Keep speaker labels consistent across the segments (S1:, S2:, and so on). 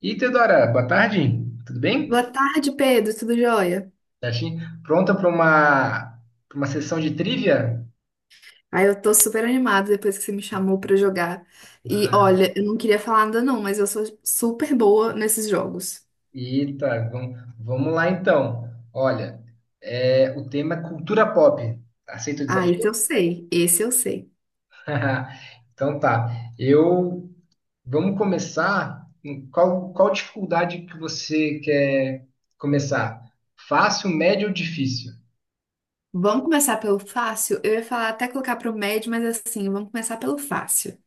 S1: E Teodora, boa tarde, tudo
S2: Boa
S1: bem?
S2: tarde, Pedro, tudo jóia?
S1: Certinho? Pronta para uma sessão de trivia?
S2: Aí eu tô super animada depois que você me chamou pra jogar. E
S1: Ah,
S2: olha, eu não queria falar nada não, mas eu sou super boa nesses jogos.
S1: Eita, vamos lá então. Olha, o tema é cultura pop. Aceita o
S2: Ah,
S1: desafio?
S2: esse eu sei, esse eu sei.
S1: Então tá. Eu Vamos começar. Qual dificuldade que você quer começar? Fácil, médio ou difícil?
S2: Vamos começar pelo fácil? Eu ia falar até colocar pro médio, mas assim, vamos começar pelo fácil.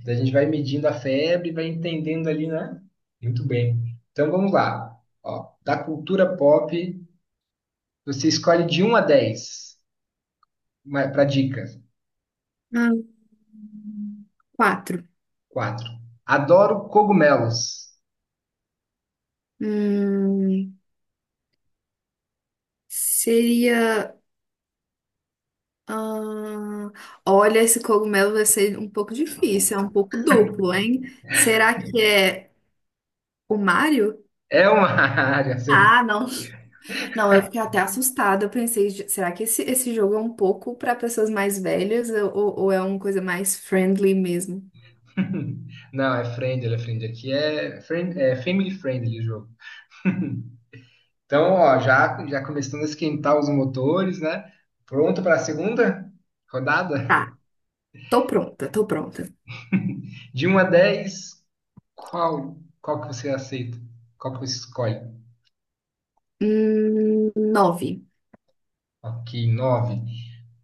S1: Então a gente vai medindo a febre, vai entendendo ali, né? Muito bem. Então vamos lá. Ó, da cultura pop, você escolhe de um a 10, para dica.
S2: Ah, quatro.
S1: Quatro. Adoro cogumelos.
S2: Hum, seria. ah, Olha, esse cogumelo vai ser um pouco difícil, é um pouco duplo, hein? Será que é o Mario?
S1: É uma área, certo?
S2: Ah, não. Não, eu fiquei até assustada. Eu pensei, "Ge- será que esse jogo é um pouco para pessoas mais velhas ou, ou é uma coisa mais friendly mesmo?
S1: Não, é friendly, é friendly. Aqui é, é family friendly o jogo. Então, ó, já começando a esquentar os motores, né? Pronto para a segunda rodada?
S2: Tá, tô pronta, tô pronta.
S1: De 1 a 10, qual que você aceita? Qual que você escolhe?
S2: Nove.
S1: Ok, 9.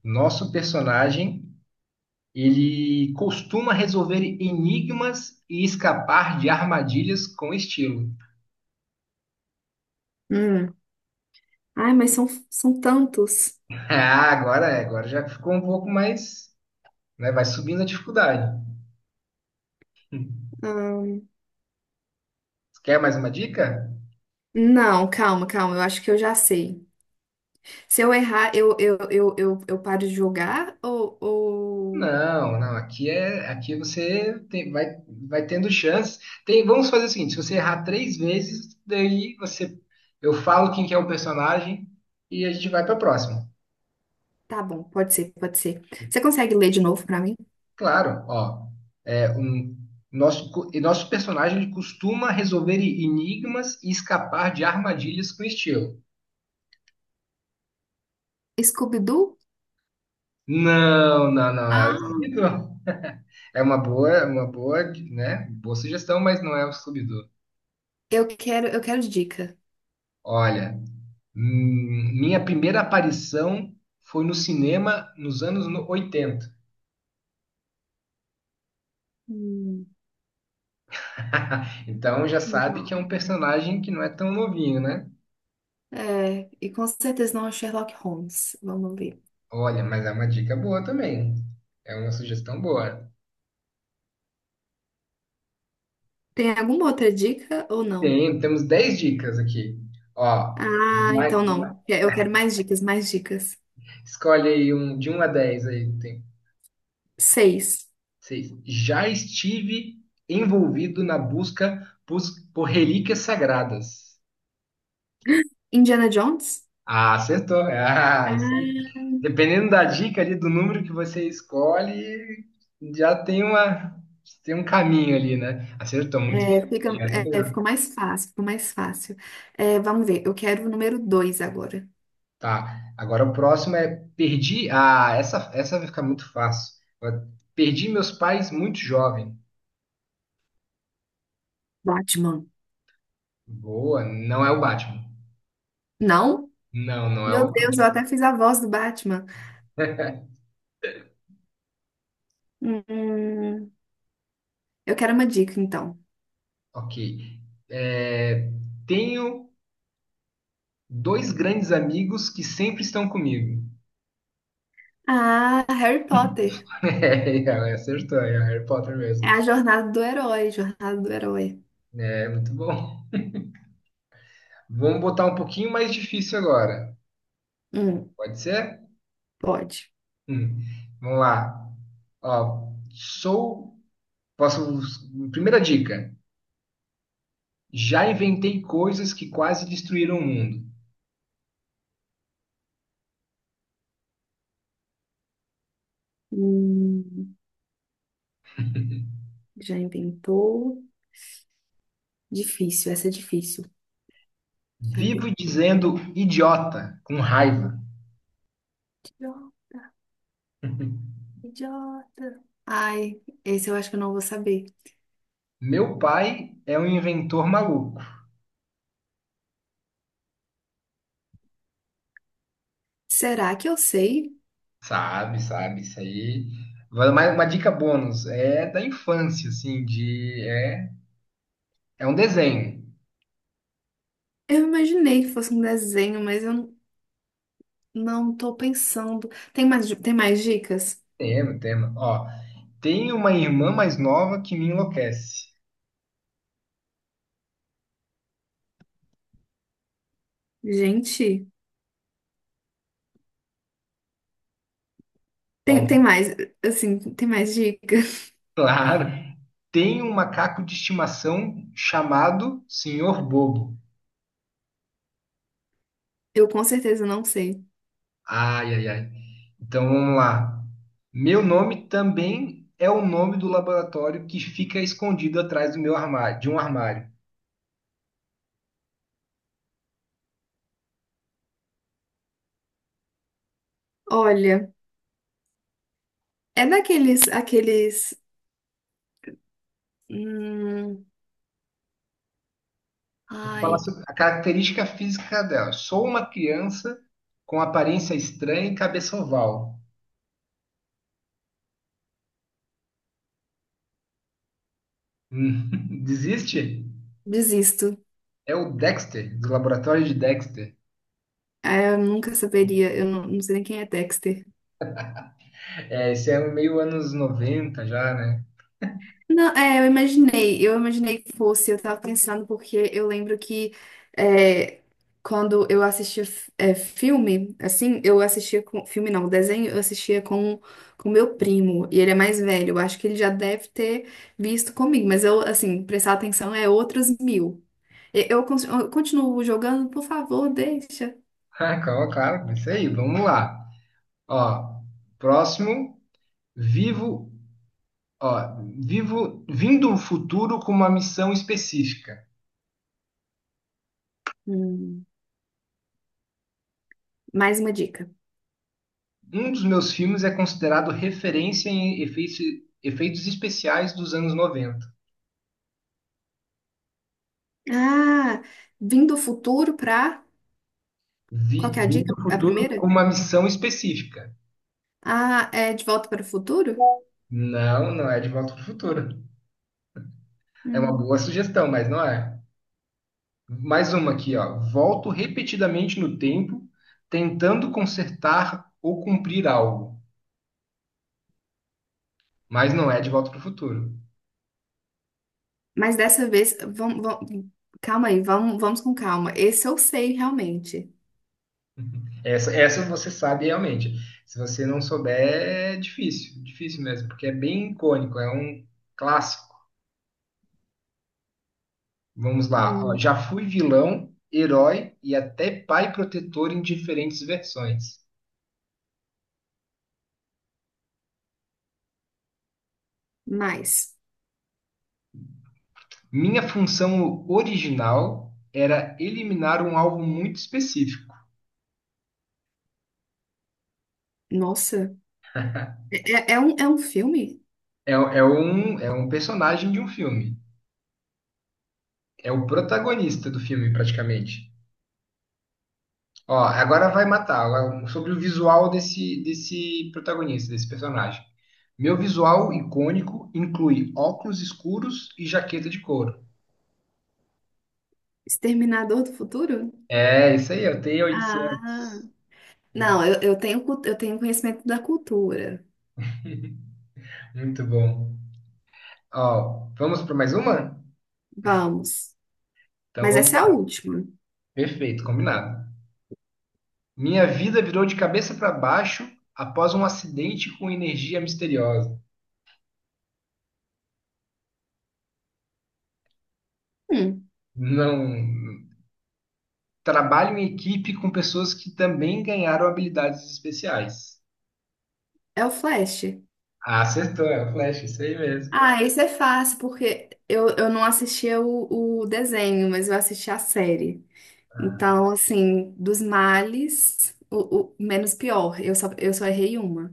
S1: Nosso personagem, ele costuma resolver enigmas e escapar de armadilhas com estilo.
S2: Hum. Ai, mas são tantos.
S1: Agora já ficou um pouco mais, né? Vai subindo a dificuldade.
S2: Ahn,
S1: Quer mais uma dica?
S2: não, calma, calma. Eu acho que eu já sei. Se eu errar, eu paro de jogar ou...
S1: Não, não, aqui é, aqui você vai, vai tendo chances. Tem, vamos fazer o seguinte, se você errar três vezes, eu falo quem que é o personagem e a gente vai para a próxima.
S2: Tá bom, pode ser, pode ser. Você consegue ler de novo pra mim?
S1: Claro, ó, é um nosso co- e nosso personagem ele costuma resolver enigmas e escapar de armadilhas com estilo.
S2: Scooby-Doo?
S1: Não, não, não, é o
S2: Ah,
S1: Scooby-Doo. É uma uma boa, né? Boa sugestão, mas não é o Scooby-Doo.
S2: eu quero, eu quero dica.
S1: Olha, minha primeira aparição foi no cinema nos anos 80.
S2: Hum,
S1: Então já sabe que é
S2: não.
S1: um personagem que não é tão novinho, né?
S2: É, e com certeza não é o Sherlock Holmes. Vamos ver.
S1: Olha, mas é uma dica boa também. É uma sugestão boa.
S2: Tem alguma outra dica ou não?
S1: Tem, temos 10 dicas aqui. Ó,
S2: Ah,
S1: mais-
S2: então
S1: mais-
S2: não. Eu quero mais dicas, mais dicas.
S1: escolhe aí um de um a 10 aí. Tem
S2: Seis.
S1: seis. Já estive envolvido na busca por relíquias sagradas.
S2: Indiana Jones?
S1: Ah, acertou. Ah, isso.
S2: Ah,
S1: Dependendo da dica ali, do número que você escolhe, já tem uma, tem um caminho ali, né? Acertou muito bem.
S2: é, fica,
S1: Já não
S2: é, ficou mais fácil, ficou mais fácil. É, vamos ver, eu quero o número dois agora.
S1: Tá. Agora o próximo é perdi. Ah, essa vai ficar muito fácil. Perdi meus pais muito jovem.
S2: Batman.
S1: Boa, não é o Batman.
S2: Não?
S1: Não, não é
S2: Meu
S1: o.
S2: Deus, eu até fiz a voz do Batman.
S1: Batman.
S2: Hum, eu quero uma dica, então.
S1: Ok. É, tenho dois grandes amigos que sempre estão comigo.
S2: Ah, Harry Potter.
S1: É, acertou, é Harry Potter
S2: É
S1: mesmo.
S2: a jornada do herói, jornada do herói.
S1: É, muito bom. Vamos botar um pouquinho mais difícil agora.
S2: Hum.
S1: Pode ser?
S2: Pode.
S1: Hum, Vamos lá. Ó, sou. Posso. Primeira dica. Já inventei coisas que quase destruíram o mundo.
S2: Hum, já inventou. Difícil, essa é difícil. Deixa eu
S1: Vivo
S2: ver.
S1: dizendo idiota, com raiva.
S2: Idiota. Idiota. Ai, esse eu acho que eu não vou saber.
S1: Meu pai é um inventor maluco.
S2: Será que eu sei?
S1: Sabe, sabe, isso aí. Vai Mais uma dica bônus. É da infância, assim, de. É, é um desenho.
S2: Eu imaginei que fosse um desenho, mas eu não tô pensando. Tem mais, di- tem mais dicas?
S1: Tema. Ó, tem uma irmã mais nova que me enlouquece.
S2: Gente,
S1: Ó,
S2: tem, tem mais, assim, tem mais dica?
S1: claro. Tem um macaco de estimação chamado Senhor Bobo.
S2: Eu com certeza não sei.
S1: Ai, ai, ai. Então vamos lá. Meu nome também é o nome do laboratório que fica escondido atrás de um armário.
S2: Olha, é daqueles, aqueles, hum,
S1: Vou falar
S2: ai,
S1: sobre a característica física dela. Sou uma criança com aparência estranha e cabeça oval. Hum, desiste?
S2: desisto.
S1: É o Dexter, do laboratório de Dexter.
S2: Ah, eu nunca saberia, eu não, não sei nem quem é Dexter.
S1: É, esse é um meio anos 90 já, né?
S2: Não, é, eu imaginei que fosse, eu tava pensando porque eu lembro que é, quando eu assistia f- é, filme, assim, eu assistia com, filme não, desenho, eu assistia com meu primo, e ele é mais velho, eu acho que ele já deve ter visto comigo, mas eu, assim, prestar atenção é outros mil. E- eu, cons- eu continuo jogando, por favor, deixa.
S1: Ah, claro, claro, é isso aí, vamos lá. Ó, próximo, vivo, ó, vivo, vindo o futuro com uma missão específica.
S2: Hum, mais uma dica.
S1: Um dos meus filmes é considerado referência em efeitos especiais dos anos 90.
S2: Ah, vim do futuro pra. Qual que é a
S1: Vindo
S2: dica?
S1: do
S2: A
S1: futuro
S2: primeira?
S1: com uma missão específica.
S2: Ah, é De Volta para o Futuro?
S1: Não, não é de Volta para o Futuro. É uma
S2: Hum.
S1: boa sugestão, mas não é. Mais uma aqui, ó. Volto repetidamente no tempo, tentando consertar ou cumprir algo. Mas não é De Volta para o Futuro.
S2: Mas dessa vez, vamos, vamos- calma aí, vamos, vamos com calma. Esse eu sei realmente.
S1: Essa você sabe realmente. Se você não souber, é difícil, difícil mesmo, porque é bem icônico, é um clássico. Vamos lá. Ó,
S2: Hum.
S1: já fui vilão, herói e até pai protetor em diferentes versões.
S2: Mas,
S1: Minha função original era eliminar um alvo muito específico.
S2: nossa, é, é um, é um filme?
S1: É um personagem de um filme. É o protagonista do filme, praticamente. Ó, agora vai matar. Agora, sobre o visual desse protagonista, desse personagem. Meu visual icônico inclui óculos escuros e jaqueta de couro.
S2: Exterminador do Futuro?
S1: É, isso aí, eu tenho 800.
S2: Ah, não, eu tenho, cu- eu tenho conhecimento da cultura.
S1: Muito bom. Ó, vamos para mais uma?
S2: Vamos.
S1: Então
S2: Mas
S1: vamos
S2: essa é a
S1: lá.
S2: última.
S1: Perfeito, combinado. Minha vida virou de cabeça para baixo após um acidente com energia misteriosa.
S2: Hum,
S1: Não. Trabalho em equipe com pessoas que também ganharam habilidades especiais.
S2: é o Flash.
S1: Ah, acertou, é o Flash, isso aí mesmo.
S2: Ah, esse é fácil, porque eu não assistia o desenho, mas eu assisti a série. Então, assim, dos males, o menos pior. Eu só errei uma.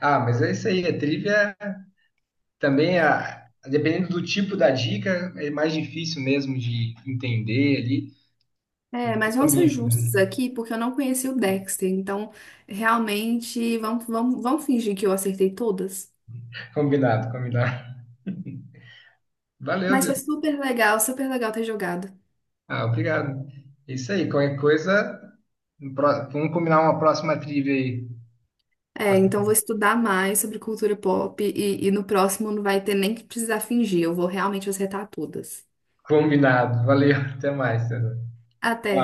S1: Ah, mas é isso aí. A trivia também, a, dependendo do tipo da dica, é mais difícil mesmo de entender ali.
S2: É, mas vamos ser
S1: Combinado, também.
S2: justos aqui, porque eu não conheci o Dexter. Então, realmente, vamos, vamos, vamos fingir que eu acertei todas.
S1: Combinado. Valeu,
S2: Mas foi
S1: Deus.
S2: super legal ter jogado.
S1: Ah, obrigado. É isso aí. Qualquer coisa, no pró- vamos combinar uma próxima trivia aí.
S2: É, então vou estudar mais sobre cultura pop e no próximo não vai ter nem que precisar fingir. Eu vou realmente acertar todas.
S1: Combinado. Valeu. Até mais. Sandra.
S2: Até.